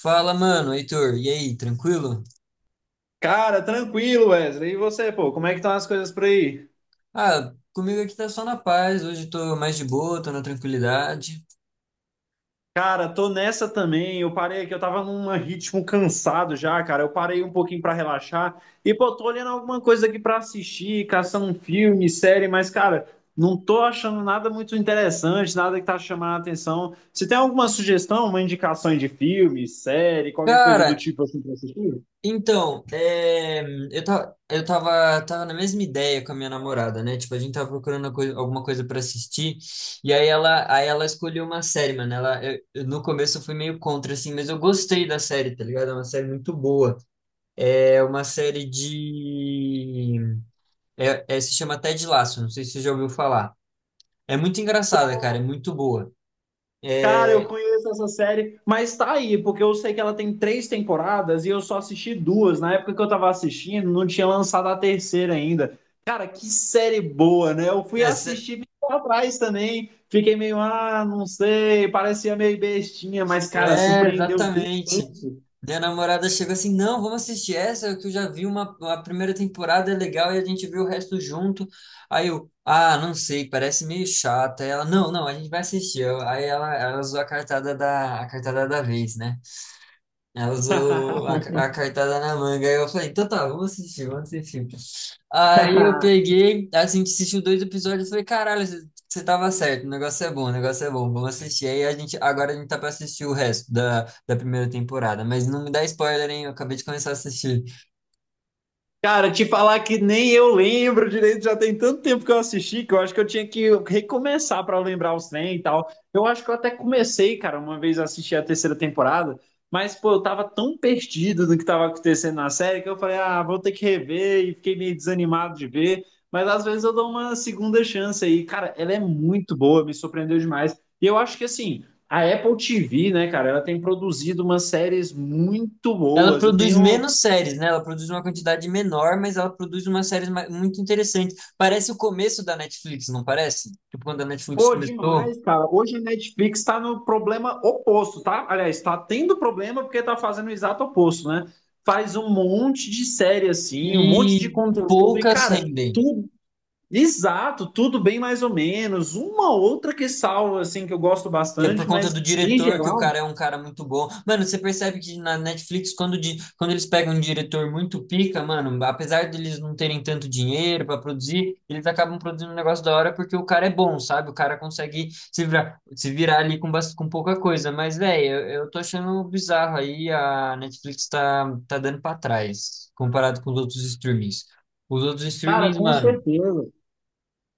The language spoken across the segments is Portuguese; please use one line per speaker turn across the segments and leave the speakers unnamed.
Fala, mano, Heitor, e aí, tranquilo?
Cara, tranquilo, Wesley. E você, pô, como é que estão as coisas por aí?
Ah, comigo aqui tá só na paz, hoje tô mais de boa, tô na tranquilidade.
Cara, tô nessa também. Eu parei aqui, eu tava num ritmo cansado já, cara. Eu parei um pouquinho pra relaxar. E, pô, tô olhando alguma coisa aqui pra assistir, caçando um filme, série, mas, cara, não tô achando nada muito interessante, nada que tá chamando a atenção. Você tem alguma sugestão, uma indicação de filme, série, qualquer coisa do
Cara,
tipo assim pra assistir?
então, eu tava na mesma ideia com a minha namorada, né? Tipo, a gente tava procurando uma alguma coisa pra assistir, e aí ela escolheu uma série, mano. Ela, no começo eu fui meio contra, assim, mas eu gostei da série, tá ligado? É uma série muito boa. É uma série de. Se chama Ted Lasso, não sei se você já ouviu falar. É muito engraçada, cara, é muito boa.
Cara, eu
É,
conheço essa série, mas tá aí, porque eu sei que ela tem três temporadas e eu só assisti duas. Na época que eu tava assistindo, não tinha lançado a terceira ainda. Cara, que série boa, né? Eu fui
essa-
assistir lá atrás também, fiquei meio, ah, não sei, parecia meio bestinha, mas, cara,
É,
surpreendeu tudo.
exatamente. Minha namorada chegou assim, não, vamos assistir essa, que eu já vi uma, a primeira temporada, é legal, e a gente viu o resto junto. Aí eu, ah, não sei, parece meio chata. Aí ela, não, não, a gente vai assistir. Aí ela usou a a cartada da vez, né? Ela usou a cartada na manga. Aí eu falei, então tá, vamos assistir, vamos assistir. Aí eu peguei, assim, a gente assistiu dois episódios e falei, caralho, você tava certo, o negócio é bom, o negócio é bom, vamos assistir. Aí a gente, agora a gente tá pra assistir o resto da primeira temporada, mas não me dá spoiler, hein? Eu acabei de começar a assistir.
Cara, te falar que nem eu lembro direito, já tem tanto tempo que eu assisti que eu acho que eu tinha que recomeçar pra lembrar os trem e tal. Eu acho que eu até comecei, cara, uma vez a assistir a terceira temporada, mas pô, eu tava tão perdido no que tava acontecendo na série que eu falei, ah, vou ter que rever e fiquei meio desanimado de ver, mas às vezes eu dou uma segunda chance aí. Cara, ela é muito boa, me surpreendeu demais. E eu acho que assim, a Apple TV, né, cara, ela tem produzido umas séries muito
Ela
boas. Eu
produz
tenho.
menos séries, né? Ela produz uma quantidade menor, mas ela produz umas séries muito interessantes. Parece o começo da Netflix, não parece? Tipo, quando a Netflix
Pô,
começou
demais, cara. Hoje a Netflix tá no problema oposto, tá? Aliás, tá tendo problema porque tá fazendo o exato oposto, né? Faz um monte de série assim, um monte de
e
conteúdo e,
poucas
cara,
rendem.
tudo exato, tudo bem mais ou menos. Uma outra que salva, assim, que eu gosto
E é por
bastante,
conta
mas
do
em
diretor que o
geral,
cara é um cara muito bom. Mano, você percebe que na Netflix, quando eles pegam um diretor muito pica, mano, apesar deles não terem tanto dinheiro pra produzir, eles acabam produzindo um negócio da hora porque o cara é bom, sabe? O cara consegue se virar, se virar ali com pouca coisa. Mas, velho, eu tô achando bizarro aí. A Netflix tá dando pra trás comparado com os outros streamings. Os outros
cara,
streamings,
com
mano.
certeza.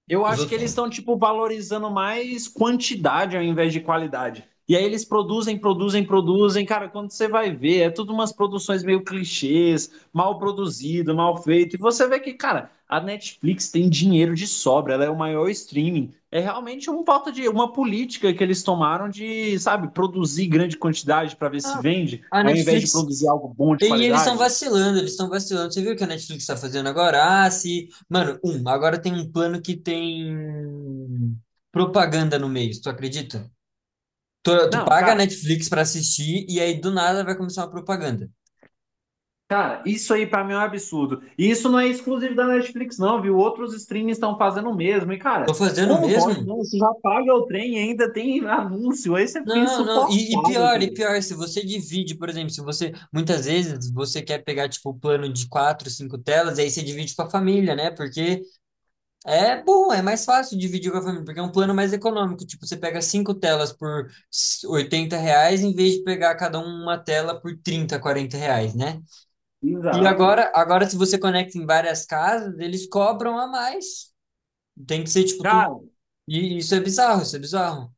Eu
Os
acho que
outros.
eles estão, tipo, valorizando mais quantidade ao invés de qualidade. E aí eles produzem, produzem, produzem. Cara, quando você vai ver, é tudo umas produções meio clichês, mal produzido, mal feito. E você vê que, cara, a Netflix tem dinheiro de sobra, ela é o maior streaming. É realmente uma falta de uma política que eles tomaram de, sabe, produzir grande quantidade para ver se
Ah,
vende,
a
ao invés de
Netflix
produzir algo bom de
E eles estão
qualidade.
vacilando, eles estão vacilando. Você viu o que a Netflix está fazendo agora? Ah, se. Mano, agora tem um plano que tem propaganda no meio, tu acredita? Tu
Não,
paga a
cara.
Netflix para assistir e aí do nada vai começar uma propaganda.
Cara, isso aí pra mim é um absurdo. E isso não é exclusivo da Netflix, não, viu? Outros streams estão fazendo o mesmo. E, cara,
Tô fazendo
como pode,
mesmo?
não? Você já paga o trem e ainda tem anúncio. Aí você fica
Não, não.
insuportável,
E
cara.
pior, se você divide, por exemplo, se você. Muitas vezes você quer pegar, tipo, o plano de quatro, cinco telas, e aí você divide com a família, né? Porque é bom, é mais fácil dividir com a família, porque é um plano mais econômico. Tipo, você pega cinco telas por R$ 80, em vez de pegar cada um uma tela por 30, 40 reais, né? E
Exato.
agora, agora se você conecta em várias casas, eles cobram a mais. Tem que ser, tipo, tudo...
Cara,
E isso é bizarro, isso é bizarro.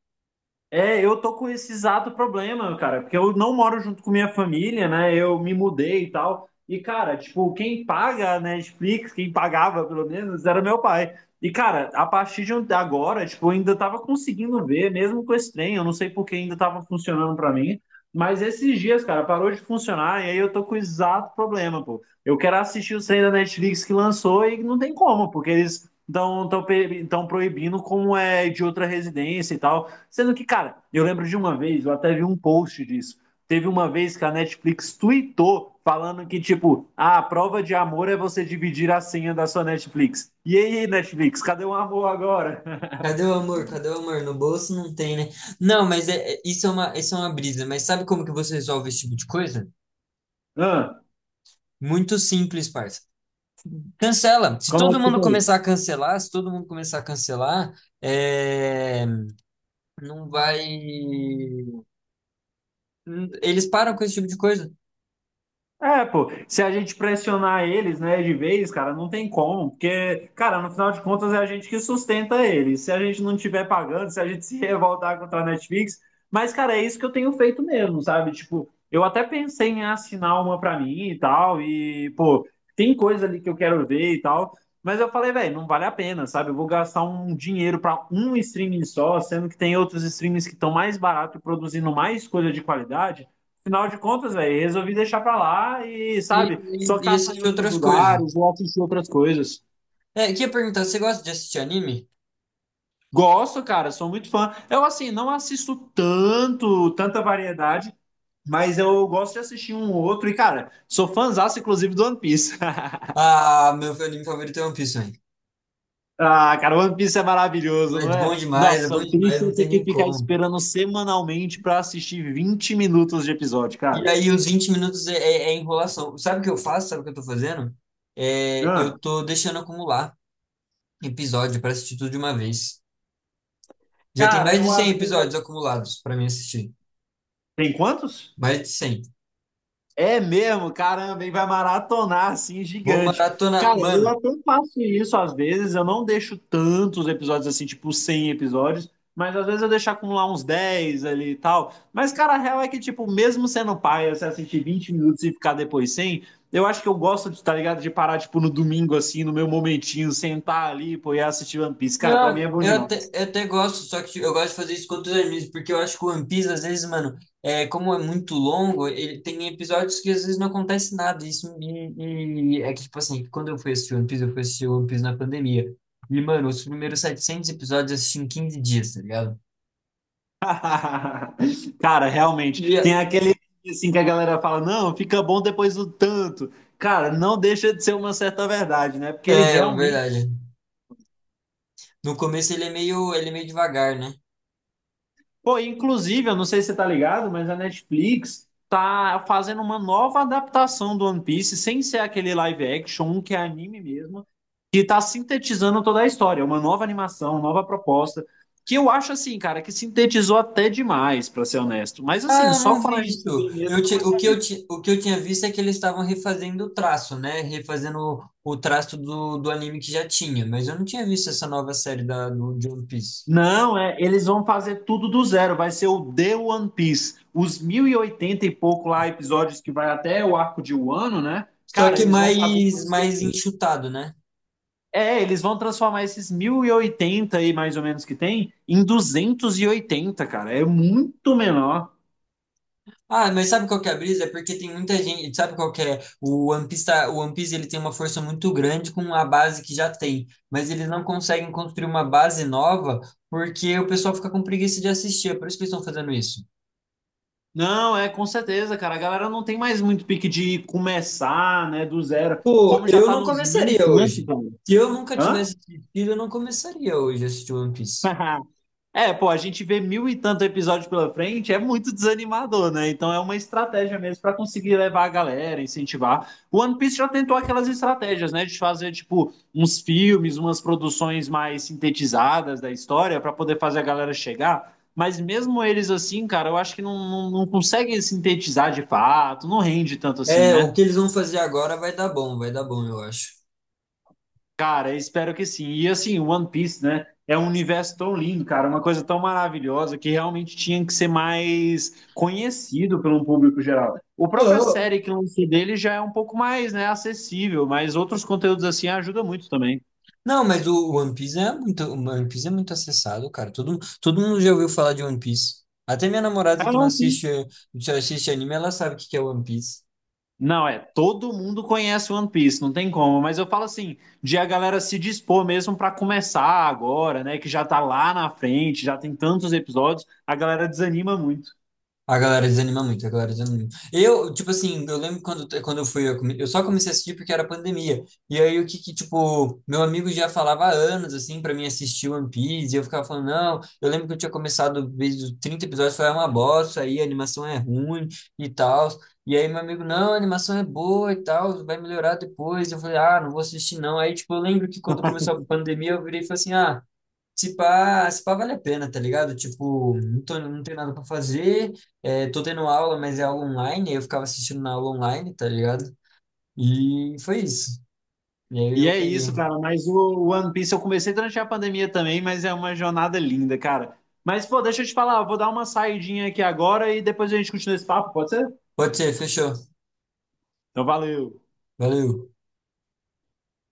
é, eu tô com esse exato problema, cara, porque eu não moro junto com minha família, né? Eu me mudei e tal. E, cara, tipo, quem paga a Netflix, quem pagava pelo menos, era meu pai. E, cara, a partir de ontem- agora, tipo, eu ainda tava conseguindo ver, mesmo com esse trem, eu não sei por que ainda tava funcionando pra mim. Mas esses dias, cara, parou de funcionar e aí eu tô com o exato problema, pô. Eu quero assistir o trem da Netflix que lançou e não tem como, porque eles estão proibindo como é de outra residência e tal. Sendo que, cara, eu lembro de uma vez, eu até vi um post disso. Teve uma vez que a Netflix tweetou falando que, tipo, ah, a prova de amor é você dividir a senha da sua Netflix. E aí, Netflix, cadê o amor agora?
Cadê o amor? Cadê o amor? No bolso não tem, né? Não, mas isso é uma brisa. Mas sabe como que você resolve esse tipo de coisa?
Ah,
Muito simples, parça. Cancela. Se
como é
todo
que
mundo
tá aí?
começar a cancelar, se todo mundo começar a cancelar, é, não vai. Eles param com esse tipo de coisa
É, pô, se a gente pressionar eles, né, de vez, cara, não tem como, porque, cara, no final de contas é a gente que sustenta eles. Se a gente não tiver pagando, se a gente se revoltar contra a Netflix, mas, cara, é isso que eu tenho feito mesmo, sabe? Tipo, eu até pensei em assinar uma pra mim e tal, e, pô, tem coisa ali que eu quero ver e tal, mas eu falei, velho, não vale a pena, sabe? Eu vou gastar um dinheiro pra um streaming só, sendo que tem outros streamings que estão mais barato e produzindo mais coisa de qualidade. Afinal de contas, velho, resolvi deixar pra lá e, sabe, só
e
caçar em
assistem
outros
outras coisas.
lugares ou assistir outras coisas.
É, queria perguntar, você gosta de assistir anime?
Gosto, cara, sou muito fã. Eu, assim, não assisto tanto, tanta variedade, mas eu gosto de assistir um ou outro. E, cara, sou fãzaço, inclusive, do One Piece.
Ah, meu anime favorito é One Piece, hein?
Ah, cara, One Piece é maravilhoso, não é?
É
Nossa,
bom
o
demais,
triste
não
é ter
tem
que
nem
ficar
como.
esperando semanalmente pra assistir 20 minutos de episódio,
E
cara.
aí, os 20 minutos é enrolação. Sabe o que eu faço? Sabe o que eu tô fazendo? É, eu
Ah,
tô deixando acumular episódio pra assistir tudo de uma vez. Já tem
cara,
mais de
eu
100
às vezes.
episódios acumulados pra mim assistir.
Tem quantos?
Mais de 100.
É mesmo, caramba, e vai maratonar assim,
Vou
gigante.
maratonar.
Cara, eu
Mano,
até faço isso às vezes, eu não deixo tantos episódios assim, tipo 100 episódios, mas às vezes eu deixo acumular uns 10 ali e tal. Mas, cara, a real é que, tipo, mesmo sendo paia, se assistir 20 minutos e ficar depois sem, eu acho que eu gosto, de, tá ligado, de parar, tipo, no domingo, assim, no meu momentinho, sentar ali, pô, e assistir One Piece. Cara, pra mim
não,
é bom demais.
eu até gosto, só que eu gosto de fazer isso com outros animes, porque eu acho que o One Piece, às vezes, mano, é, como é muito longo, ele tem episódios que às vezes não acontece nada. Isso e é que, tipo assim, quando eu fui assistir One Piece, eu fui assistir One Piece na pandemia. E, mano, os primeiros 700 episódios eu assisti em 15 dias, tá ligado?
Cara, realmente,
E é,
tem aquele assim que a galera fala, não, fica bom depois do tanto. Cara, não deixa de ser uma certa verdade, né? Porque ele
é
realmente,
verdade. No começo ele é meio devagar, né?
pô, inclusive, eu não sei se você tá ligado, mas a Netflix tá fazendo uma nova adaptação do One Piece, sem ser aquele live action, um que é anime mesmo, que tá sintetizando toda a história, uma nova animação, nova proposta, que eu acho assim, cara, que sintetizou até demais, pra ser honesto. Mas assim,
Ah, eu
só
não
para a
vi isso.
gente ver mesmo pra saber.
O que eu tinha visto é que eles estavam refazendo o traço, né? Refazendo o traço do anime que já tinha, mas eu não tinha visto essa nova série de One Piece.
Não, é, eles vão fazer tudo do zero, vai ser o The One Piece. Os 1.080 e pouco lá episódios que vai até o arco de Wano, né?
Só
Cara,
que
eles vão fazer.
mais, mais enxutado, né?
É, eles vão transformar esses 1.080 aí, mais ou menos, que tem, em 280, cara. É muito menor.
Ah, mas sabe qual que é a brisa? É porque tem muita gente, sabe qual que é? O One Piece, o One Piece ele tem uma força muito grande com a base que já tem, mas eles não conseguem construir uma base nova porque o pessoal fica com preguiça de assistir, é por isso que eles estão fazendo isso.
Não, é com certeza, cara. A galera não tem mais muito pique de começar, né, do zero.
Pô,
Como já
eu
tá
não
nos mil e
começaria
tanto,
hoje. Se eu nunca
cara.
tivesse assistido, eu não começaria hoje a assistir One Piece.
Hã? É, pô, a gente vê mil e tanto episódios pela frente, é muito desanimador, né? Então é uma estratégia mesmo para conseguir levar a galera, incentivar. O One Piece já tentou aquelas estratégias, né? De fazer, tipo, uns filmes, umas produções mais sintetizadas da história para poder fazer a galera chegar. Mas mesmo eles assim, cara, eu acho que não conseguem sintetizar de fato, não rende tanto assim,
É,
né?
o que eles vão fazer agora vai dar bom, eu acho.
Cara, espero que sim. E assim, One Piece, né? É um universo tão lindo, cara, uma coisa tão maravilhosa que realmente tinha que ser mais conhecido pelo público geral. O própria
Ah,
série que lançou dele já é um pouco mais, né, acessível, mas outros conteúdos assim ajudam muito também.
não, mas o One Piece é muito, o One Piece é muito acessado, cara. Todo, todo mundo já ouviu falar de One Piece. Até minha namorada
Ah,
que não
não, sim.
assiste, só assiste anime, ela sabe o que que é One Piece.
Não, é, todo mundo conhece One Piece, não tem como, mas eu falo assim, de a galera se dispor mesmo pra começar agora, né, que já tá lá na frente, já tem tantos episódios, a galera desanima muito.
A galera desanima muito, a galera desanima muito. Tipo assim, eu lembro quando eu fui, eu só comecei a assistir porque era pandemia. E aí o que que, tipo, meu amigo já falava há anos, assim, pra mim assistir One Piece, e eu ficava falando, não, eu lembro que eu tinha começado vezes 30 episódios, foi uma bosta, aí a animação é ruim e tal. E aí meu amigo, não, a animação é boa e tal, vai melhorar depois. Eu falei, ah, não vou assistir não. Aí, tipo, eu lembro que quando começou a pandemia, eu virei e falei assim, ah, se pá, se pá vale a pena, tá ligado? Tipo, não tenho nada pra fazer, é, tô tendo aula, mas é aula online, aí eu ficava assistindo na aula online, tá ligado? E foi isso. E aí
E
eu
é
peguei.
isso, cara. Mas o One Piece eu comecei durante a pandemia também, mas é uma jornada linda, cara. Mas, pô, deixa eu te falar, eu vou dar uma saidinha aqui agora e depois a gente continua esse papo, pode ser?
Pode ser, fechou.
Então, valeu.
Valeu.